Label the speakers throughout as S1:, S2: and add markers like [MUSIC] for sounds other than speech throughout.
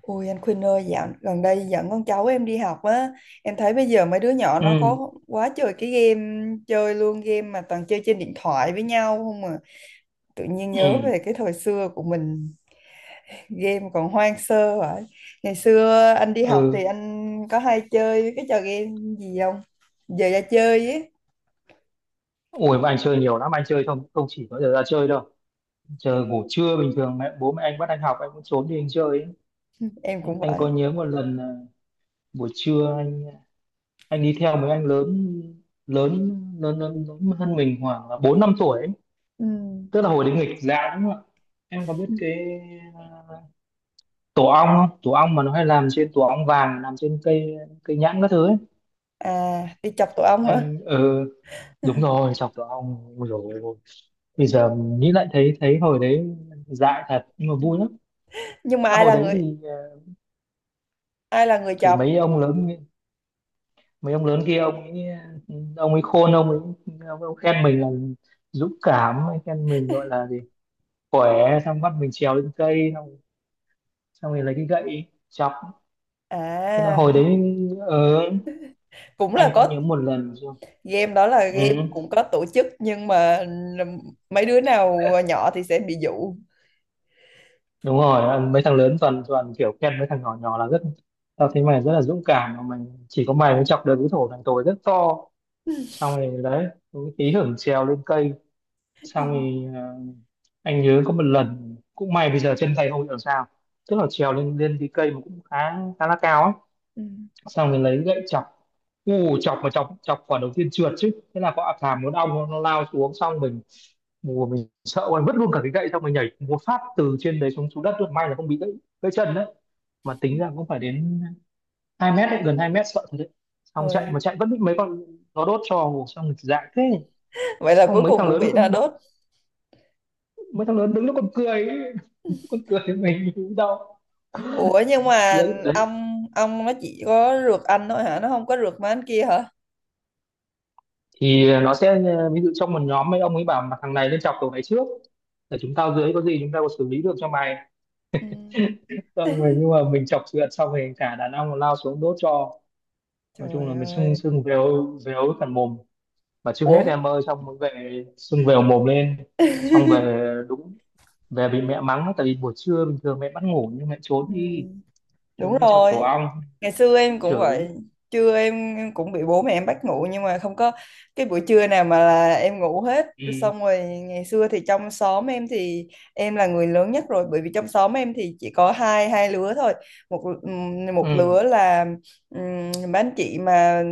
S1: Ôi anh Khuynh ơi, dạo gần đây dẫn con cháu em đi học á, em thấy bây giờ mấy đứa nhỏ
S2: ừ
S1: nó có quá trời cái game chơi luôn, game mà toàn chơi trên điện thoại với nhau không à. Tự nhiên nhớ về
S2: ừ
S1: cái thời xưa của mình, game còn hoang sơ vậy. Ngày xưa anh đi học thì
S2: ừ
S1: anh có hay chơi cái trò game gì không? Giờ ra chơi ấy,
S2: Ủa mà anh chơi nhiều lắm, anh chơi không không chỉ có giờ ra chơi đâu. Chờ ngủ trưa bình thường mẹ, bố mẹ anh bắt anh học, anh cũng trốn đi anh chơi ấy.
S1: em
S2: anh,
S1: cũng
S2: anh
S1: vậy.
S2: có nhớ một lần là buổi trưa anh đi theo mấy anh lớn, lớn lớn hơn mình khoảng là bốn năm tuổi ấy.
S1: Ừ.
S2: Tức là hồi đấy nghịch dạng đúng không ạ? Em có biết cái, à, tổ ong không? Tổ ong mà nó hay làm trên, tổ ong vàng làm trên cây cây nhãn các thứ ấy.
S1: À, đi chọc tổ ong hả?
S2: Anh đúng
S1: [LAUGHS]
S2: rồi, chọc tổ ong rồi. Bây giờ nghĩ lại thấy thấy hồi đấy dại thật nhưng mà vui lắm.
S1: Nhưng mà
S2: Tức là
S1: ai
S2: hồi
S1: là
S2: đấy
S1: người ai là người
S2: thì
S1: chọc?
S2: mấy ông lớn, mấy ông lớn kia ông ấy, ông ấy khôn, ông ấy khen mình là dũng cảm, ông ấy khen mình gọi là gì, khỏe, xong bắt mình trèo lên cây, xong xong rồi lấy cái gậy chọc. Thế là
S1: À,
S2: hồi đấy, ờ,
S1: cũng là
S2: anh có nhớ
S1: có
S2: một lần chưa.
S1: game đó, là
S2: Ừ,
S1: game cũng có tổ chức nhưng mà mấy đứa nào nhỏ thì sẽ bị dụ.
S2: đúng rồi, mấy thằng lớn toàn, kiểu khen mấy thằng nhỏ nhỏ là rất, tao thấy mày rất là dũng cảm mà mày, chỉ có mày mới chọc được cái thổ thằng tồi rất to. Xong rồi đấy, cũng tí hưởng trèo lên cây, xong rồi anh nhớ có một lần cũng may bây giờ chân tay không bị sao. Tức là trèo lên lên cái cây mà cũng khá, khá là cao ấy.
S1: Ừ.
S2: Xong rồi lấy gậy chọc, u chọc mà chọc chọc quả đầu tiên trượt chứ, thế là có thảm muốn ong nó lao xuống, xong mình, mùa mình sợ quá vứt luôn cả cái gậy, xong mình nhảy một phát từ trên đấy xuống, xuống đất luôn, may là không bị gãy, gãy chân đấy. Mà tính ra cũng phải đến 2 mét đấy, gần 2 mét, sợ thật đấy. Xong chạy
S1: Ôi,
S2: mà chạy vẫn bị mấy con nó đốt cho, xong rồi dại thế.
S1: vậy là
S2: Xong
S1: cuối
S2: mấy
S1: cùng
S2: thằng
S1: cũng
S2: lớn nó
S1: bị nó
S2: còn
S1: đốt.
S2: mấy thằng lớn đứng nó còn cười ấy. [LAUGHS] Còn cười với mình cũng đau.
S1: Ủa nhưng mà
S2: Đấy, đấy,
S1: ông nó chỉ có rượt anh thôi hả? Nó không có rượt mấy anh kia hả?
S2: thì nó sẽ ví dụ trong một nhóm, mấy ông ấy bảo mà thằng này nên chọc, cậu này trước, để chúng tao dưới có gì chúng tao có xử lý được cho mày.
S1: Ừ.
S2: Xong rồi
S1: [LAUGHS]
S2: nhưng mà mình chọc chuyện xong rồi cả đàn ông lao xuống đốt cho. Nói chung là
S1: Trời
S2: mình sưng,
S1: ơi.
S2: sưng vèo vèo cả mồm, và chưa hết
S1: Ủa,
S2: em ơi, xong mới về sưng vèo mồm lên. Xong về
S1: [LAUGHS]
S2: đúng, về bị mẹ mắng tại vì buổi trưa bình thường mẹ bắt ngủ nhưng mẹ
S1: Ừ.
S2: trốn đi, trốn
S1: Đúng
S2: đi chọc
S1: rồi.
S2: tổ ong,
S1: Ngày xưa
S2: bị
S1: em cũng
S2: chửi.
S1: vậy, trưa em cũng bị bố mẹ em bắt ngủ nhưng mà không có cái buổi trưa nào mà là em ngủ hết.
S2: Ừ.
S1: Xong rồi ngày xưa thì trong xóm em thì em là người lớn nhất rồi, bởi vì trong xóm em thì chỉ có hai hai lứa thôi. Một ừm, một lứa
S2: Ừ.
S1: là um, mấy anh chị mà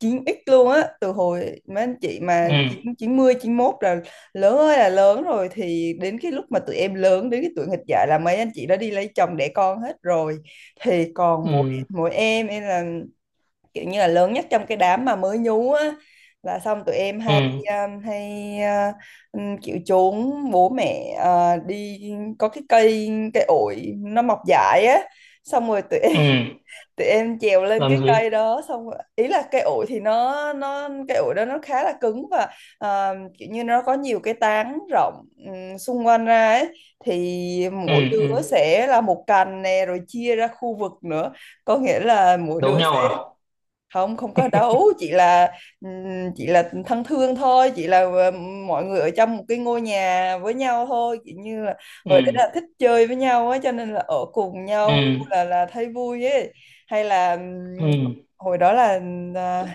S1: chín x luôn á, từ hồi mấy anh chị mà chín
S2: ừ
S1: 91 là lớn ơi là lớn rồi. Thì đến cái lúc mà tụi em lớn đến cái tuổi nghịch dại là mấy anh chị đã đi lấy chồng đẻ con hết rồi, thì còn
S2: ừ
S1: mỗi em là kiểu như là lớn nhất trong cái đám mà mới nhú á. Là xong tụi em
S2: ừ
S1: hay hay uh, kiểu trốn bố mẹ đi. Có cái cây cây ổi nó mọc dại á, xong rồi tụi
S2: ừ
S1: thì em trèo lên
S2: làm
S1: cái
S2: gì?
S1: cây đó. Ý là cây ổi thì nó cây ổi đó nó khá là cứng và à, kiểu như nó có nhiều cái tán rộng xung quanh ra ấy. Thì
S2: ừ
S1: mỗi
S2: ừ
S1: đứa sẽ là một cành nè, rồi chia ra khu vực nữa, có nghĩa là mỗi
S2: Đấu
S1: đứa.
S2: nhau à?
S1: Không không có đấu, chỉ là thân thương thôi, chỉ là mọi người ở trong một cái ngôi nhà với nhau thôi, kiểu như là hồi đấy là
S2: ừ
S1: thích chơi với nhau á, cho nên là ở cùng
S2: ừ
S1: nhau là thấy vui ấy. Hay là
S2: ừ
S1: hồi đó là à,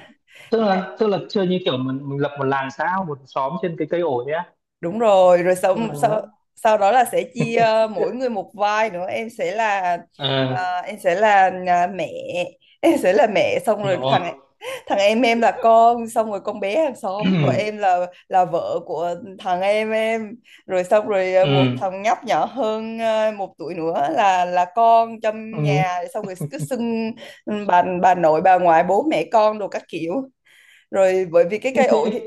S2: Tức là chơi như kiểu mình lập một làng xã, một xóm trên cái cây ổi á.
S1: đúng rồi, rồi sau
S2: Tức là.
S1: sau sau đó là sẽ chia mỗi người một vai nữa. Em sẽ là
S2: À.
S1: à, em sẽ là à, mẹ, [LAUGHS] em sẽ là mẹ, xong rồi thằng
S2: Rồi.
S1: thằng em là con, xong rồi con bé hàng
S2: [CLEARS THROAT]
S1: xóm của
S2: Ừ.
S1: em là vợ của thằng em em. Rồi xong rồi à,
S2: Ừ.
S1: một thằng nhóc nhỏ hơn à, 1 tuổi nữa là con trong
S2: Ừ.
S1: nhà, xong rồi cứ xưng bà nội, bà ngoại, bố mẹ con đồ các kiểu. Rồi bởi vì cái
S2: Thế,
S1: cây ổi thì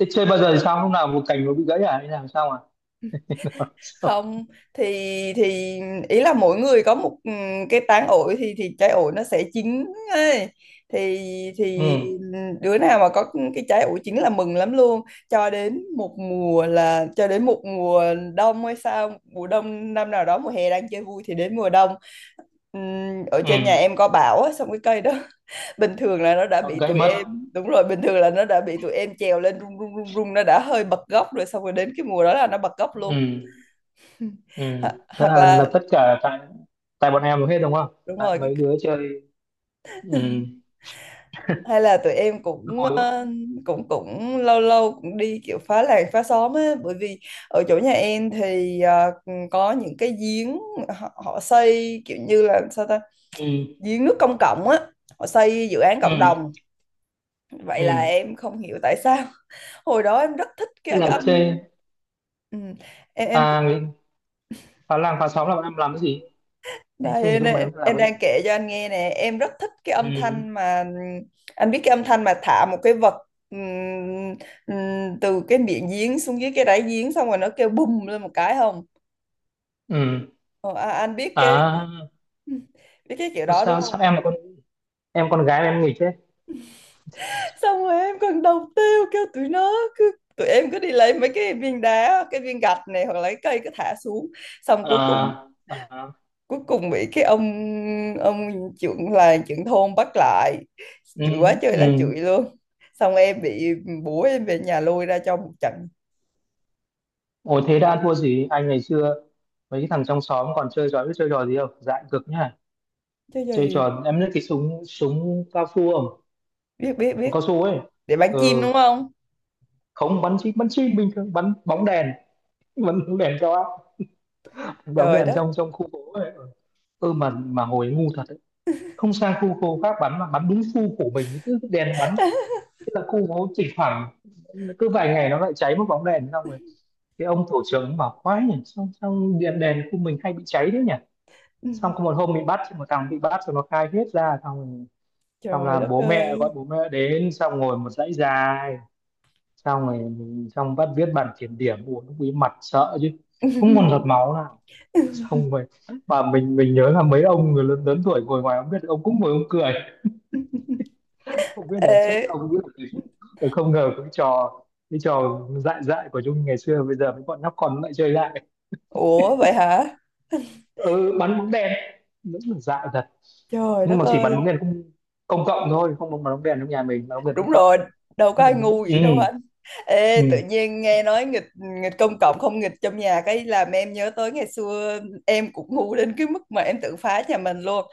S2: thế chơi bao giờ thì sao, lúc nào một cành nó bị gãy à hay làm sao à? [LAUGHS]
S1: không, thì thì ý là mỗi người có một cái tán ổi. Thì trái ổi nó sẽ chín ấy. thì
S2: ừ
S1: thì đứa nào mà có cái trái ổi chín là mừng lắm luôn, cho đến một mùa, là cho đến một mùa đông hay sao, mùa đông năm nào đó, mùa hè đang chơi vui thì đến mùa đông ở
S2: ừ
S1: trên nhà em có bão á, xong cái cây đó [LAUGHS] bình thường là nó đã
S2: nó
S1: bị
S2: gãy
S1: tụi em.
S2: mất.
S1: Đúng rồi, bình thường là nó đã bị tụi em trèo lên rung rung rung rung, nó đã hơi bật gốc rồi, xong rồi đến cái mùa đó là nó bật gốc luôn.
S2: Ừ. Ừ.
S1: Ho
S2: Thế
S1: hoặc
S2: là
S1: là
S2: tất cả tại, tại bọn em hết đúng không,
S1: đúng
S2: tại
S1: rồi,
S2: mấy đứa chơi. Ừ.
S1: hay là tụi em cũng
S2: Hồi-.
S1: cũng cũng lâu lâu cũng đi kiểu phá làng phá xóm á, bởi vì ở chỗ nhà em thì có những cái giếng, họ, họ xây kiểu như là sao ta,
S2: ừ
S1: giếng nước công cộng á, họ xây dự án cộng
S2: ừ
S1: đồng. Vậy
S2: ừ
S1: là em không hiểu tại sao [LAUGHS] hồi đó em rất thích
S2: Tức
S1: cái
S2: là
S1: âm.
S2: chơi.
S1: Ừ. em.
S2: À nghĩ-, phá làng phá xóm là bọn em làm cái gì? Anh chưa hình
S1: Đây,
S2: dung mà
S1: nè,
S2: em làm
S1: em
S2: cái gì.
S1: đang kể cho anh nghe nè, em rất thích cái
S2: ừ
S1: âm thanh mà anh biết cái âm thanh mà thả một cái vật ừm, từ cái miệng giếng xuống dưới cái đáy giếng, xong rồi nó kêu bùm lên một cái không?
S2: ừ
S1: Ờ, à, anh
S2: À.
S1: biết cái kiểu
S2: Có
S1: đó đúng
S2: sao,
S1: không?
S2: sao em là con, em con gái mà em nghịch thế?
S1: Xong rồi em còn đầu tiêu kêu tụi nó, cứ tụi em cứ đi lấy mấy cái viên đá, cái viên gạch này, hoặc lấy cây cứ thả xuống, xong
S2: À, à.
S1: cuối cùng bị cái ông trưởng, là trưởng thôn, bắt lại
S2: ừ
S1: chửi quá trời
S2: ừ
S1: là chửi luôn. Xong em bị bố em về nhà lôi ra cho một trận.
S2: Ồ, thế đã thua gì anh ngày xưa. Mấy cái thằng trong xóm còn chơi trò, biết chơi trò gì không, dại cực nhá.
S1: Chứ cho
S2: Chơi
S1: gì.
S2: trò, em biết cái súng, súng cao su không?
S1: Biết biết
S2: Súng
S1: biết.
S2: cao su ấy.
S1: Để bán
S2: Ừ.
S1: chim đúng không.
S2: Không, bắn chim, bắn chim bình thường, bắn bóng đèn. Bắn bóng đèn cho, bóng
S1: Trời
S2: đèn
S1: đất.
S2: trong, trong khu phố ấy. Ừ. Ừ mà hồi ấy ngu thật đấy, không sang khu khô khác bắn mà bắn đúng khu của mình, cứ đèn bắn. Thế là khu nó chỉ khoảng, cứ vài ngày nó lại cháy một bóng đèn. Xong rồi cái ông tổ trưởng ông bảo quái nhỉ, xong xong đèn, đèn khu mình hay bị cháy đấy nhỉ. Xong có một
S1: [LAUGHS]
S2: hôm bị bắt, xong một thằng bị bắt rồi nó khai hết ra. Xong rồi xong
S1: Trời
S2: là
S1: đất
S2: bố mẹ
S1: ơi.
S2: gọi, bố mẹ đến, xong ngồi một dãy dài. Xong rồi mình xong bắt viết bản kiểm điểm, buồn lúc ấy mặt sợ chứ, không còn giọt
S1: [LAUGHS]
S2: máu nào. Xong rồi mà mình nhớ là mấy ông người lớn, lớn tuổi ngồi ngoài không biết, ông cũng ngồi ông cười, không biết là chắc
S1: Ê,
S2: ông biết là từ-, từ không ngờ cái trò, cái trò dại, dại của Nhung ngày xưa bây giờ mấy bọn nhóc con nó lại chơi lại.
S1: ủa vậy hả.
S2: Ừ, bắn bóng đèn. Đúng là dại thật.
S1: Trời
S2: Nhưng
S1: đất
S2: mà chỉ bắn
S1: ơi.
S2: bóng đèn công, công cộng thôi, không bắn bóng đèn trong nhà mình, bắn bóng đèn công
S1: Đúng
S2: cộng.
S1: rồi, đâu có ai ngu
S2: Ừ.
S1: vậy đâu hả. Ê,
S2: ừ
S1: tự nhiên nghe nói nghịch, nghịch công cộng không nghịch trong nhà, cái làm em nhớ tới ngày xưa em cũng ngu đến cái mức mà em tự phá nhà mình luôn.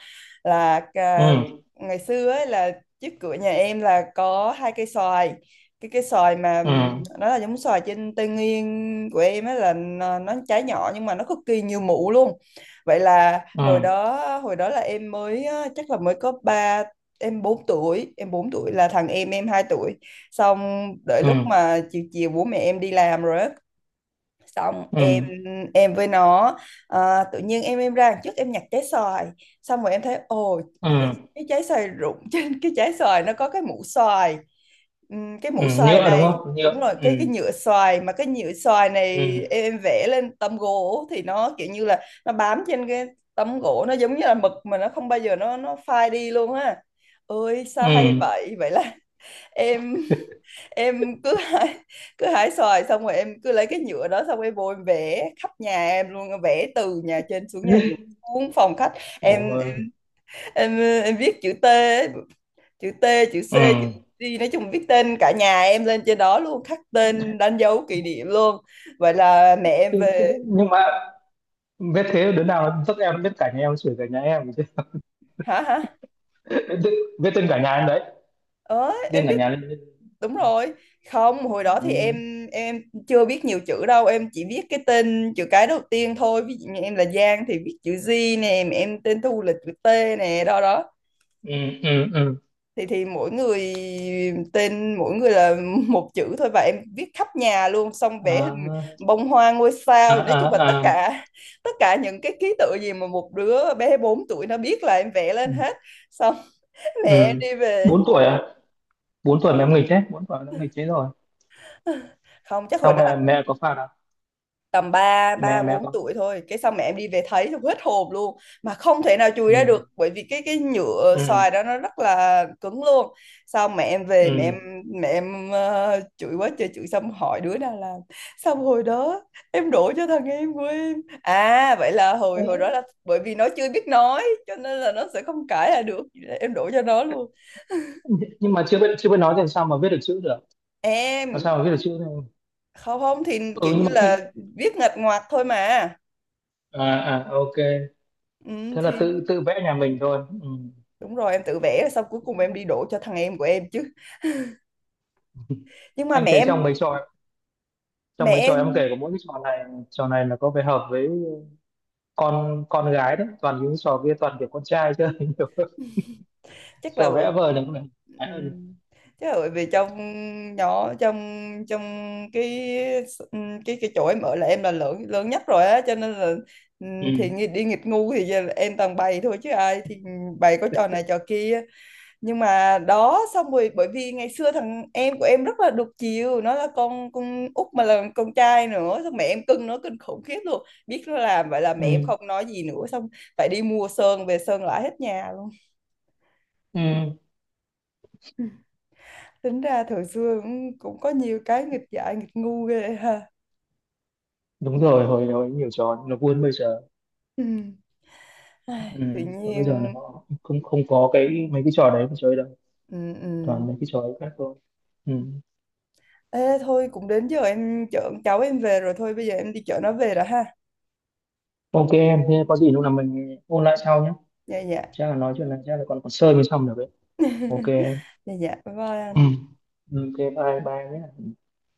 S1: Là à,
S2: ừ
S1: ngày xưa ấy là trước cửa nhà em là có hai cây xoài. Cái cây xoài mà
S2: ừ
S1: nó là giống xoài trên Tây Nguyên của em ấy, là nó trái nhỏ nhưng mà nó cực kỳ nhiều mủ luôn. Vậy là
S2: ừ
S1: hồi đó, hồi đó là em mới á, chắc là mới có ba, em 4 tuổi, em 4 tuổi là thằng em 2 tuổi. Xong đợi lúc
S2: ừ
S1: mà chiều chiều bố mẹ em đi làm rồi á, xong
S2: ừ
S1: em với nó à, tự nhiên em ra đằng trước em nhặt trái xoài, xong rồi em thấy ồ cái,
S2: ừ
S1: cái trái xoài rụng [LAUGHS] trên cái trái xoài nó có cái mũ xoài. Cái
S2: ừ
S1: mũ xoài
S2: Nhựa đúng
S1: này
S2: không, nhựa.
S1: đúng rồi,
S2: Ừ.
S1: cái nhựa xoài, mà cái nhựa xoài
S2: Ừ.
S1: này em vẽ lên tấm gỗ thì nó kiểu như là nó bám trên cái tấm gỗ, nó giống như là mực mà nó không bao giờ nó phai đi luôn á. Ơi sao hay
S2: Ừ.
S1: vậy, vậy là [LAUGHS] em em cứ hái xoài, xong rồi em cứ lấy cái nhựa đó, xong em vô em vẽ khắp nhà em luôn, vẽ từ nhà trên xuống nhà dưới, xuống phòng khách. em
S2: Ôi.
S1: em em viết chữ T ấy, chữ T, chữ C,
S2: Ừ.
S1: chữ D, nói chung viết tên cả nhà em lên trên đó luôn, khắc tên đánh dấu kỷ niệm luôn. Vậy là mẹ em
S2: Thế-, thế-,
S1: về.
S2: nhưng mà biết thế đứa nào nó dắt em, biết cả nhà em chửi cả nhà em chứ.
S1: Hả hả?
S2: [LAUGHS] Biết, biết tên cả nhà em đấy.
S1: Ờ,
S2: Tên
S1: em
S2: cả
S1: viết
S2: nhà lên.
S1: đúng rồi. Không hồi đó
S2: Ừ,
S1: thì em chưa biết nhiều chữ đâu, em chỉ viết cái tên chữ cái đầu tiên thôi, ví dụ như em là Giang thì viết chữ G nè, mà em tên Thu là chữ T nè, đó đó.
S2: ừ, ừ, ừ.
S1: Thì mỗi người tên mỗi người là [LAUGHS] một chữ thôi, và em viết khắp nhà luôn, xong vẽ hình
S2: À,
S1: bông hoa, ngôi
S2: à,
S1: sao, nói chung là tất
S2: à, à.
S1: cả, tất cả những cái ký tự gì mà một đứa bé 4 tuổi nó biết là em vẽ
S2: Ừ,
S1: lên hết. Xong [LAUGHS] mẹ
S2: ừ.
S1: em đi về.
S2: Bốn tuổi à? Bốn
S1: Đúng
S2: tuổi mà
S1: rồi,
S2: em nghịch đấy, bốn tuổi nó nghịch thế rồi.
S1: không chắc hồi
S2: Xong
S1: đó
S2: mẹ, mẹ có phạt à?
S1: tầm 3
S2: Mẹ,
S1: 3
S2: mẹ
S1: 4
S2: có.
S1: tuổi thôi. Cái xong mẹ em đi về thấy xong hết hồn luôn, mà không thể nào chùi ra được,
S2: Ừ,
S1: bởi vì cái nhựa
S2: ừ,
S1: xoài đó nó rất là cứng luôn. Xong mẹ em về mẹ em,
S2: ừ.
S1: mẹ em chửi quá trời chửi, xong hỏi đứa nào làm. Xong hồi đó em đổ cho thằng em của em. À vậy là hồi hồi đó
S2: Thế,
S1: là, bởi vì nó chưa biết nói cho nên là nó sẽ không cãi là được. Em đổ cho nó luôn.
S2: nhưng mà chưa biết, chưa biết nói thì sao mà viết được chữ được, làm
S1: Em
S2: sao mà viết được chữ đâu.
S1: không không thì
S2: Ừ
S1: kiểu
S2: nhưng
S1: như
S2: mà khi,
S1: là viết nghịch ngoạc thôi mà
S2: à, à ok.
S1: ừ,
S2: Thế là
S1: thì
S2: tự, tự vẽ nhà mình thôi. Ừ.
S1: đúng rồi, em tự vẽ rồi xong cuối cùng em đi đổ cho thằng em của em chứ. Nhưng mà
S2: Anh
S1: mẹ
S2: thấy
S1: em,
S2: trong mấy trò,
S1: mẹ
S2: trong mấy trò em
S1: em
S2: kể có mỗi cái trò này, trò này là có vẻ hợp với con gái đấy, toàn những trò kia toàn kiểu con trai chơi [LAUGHS] nhiều.
S1: chắc là
S2: Trò
S1: bởi
S2: vẽ vời là cũng là gái hơn.
S1: ừm, chắc là bởi vì trong nhỏ trong trong cái cái chỗ em ở là em là lớn lớn nhất rồi á, cho nên là
S2: Ừ.
S1: thì nghi- đi nghịch ngu thì giờ là em toàn bày thôi, chứ ai thì bày có trò này trò kia. Nhưng mà đó, xong rồi bởi vì ngày xưa thằng em của em rất là đục chiều, nó là con út mà là con trai nữa, xong mẹ em cưng nó kinh khủng khiếp luôn, biết nó làm vậy là mẹ em
S2: ừ
S1: không nói gì nữa, xong phải đi mua sơn về sơn lại hết nhà luôn.
S2: ừ
S1: Ừ. Tính ra thời xưa cũng, cũng có nhiều cái nghịch dại nghịch ngu ghê ha.
S2: Đúng rồi, hồi, hồi nhiều trò nó buôn bây giờ.
S1: Ừ.
S2: Ừ.
S1: Ai, tự
S2: Và bây giờ là
S1: nhiên.
S2: họ không không có cái mấy cái trò đấy mà chơi đâu,
S1: Ừ, ừ.
S2: toàn mấy cái trò khác thôi. Ừ.
S1: Ê, thôi cũng đến giờ em chở con cháu em về rồi, thôi bây giờ em đi chở nó về rồi ha.
S2: Ok em, thế có gì lúc nào mình ôn lại sau nhé.
S1: Dạ dạ.
S2: Chắc là nói chuyện này chắc là còn, còn sơ mới xong được đấy. Ok
S1: [LAUGHS]
S2: em.
S1: Dạ dạ bye bye
S2: Ừ.
S1: anh.
S2: Ok bye bye nhé.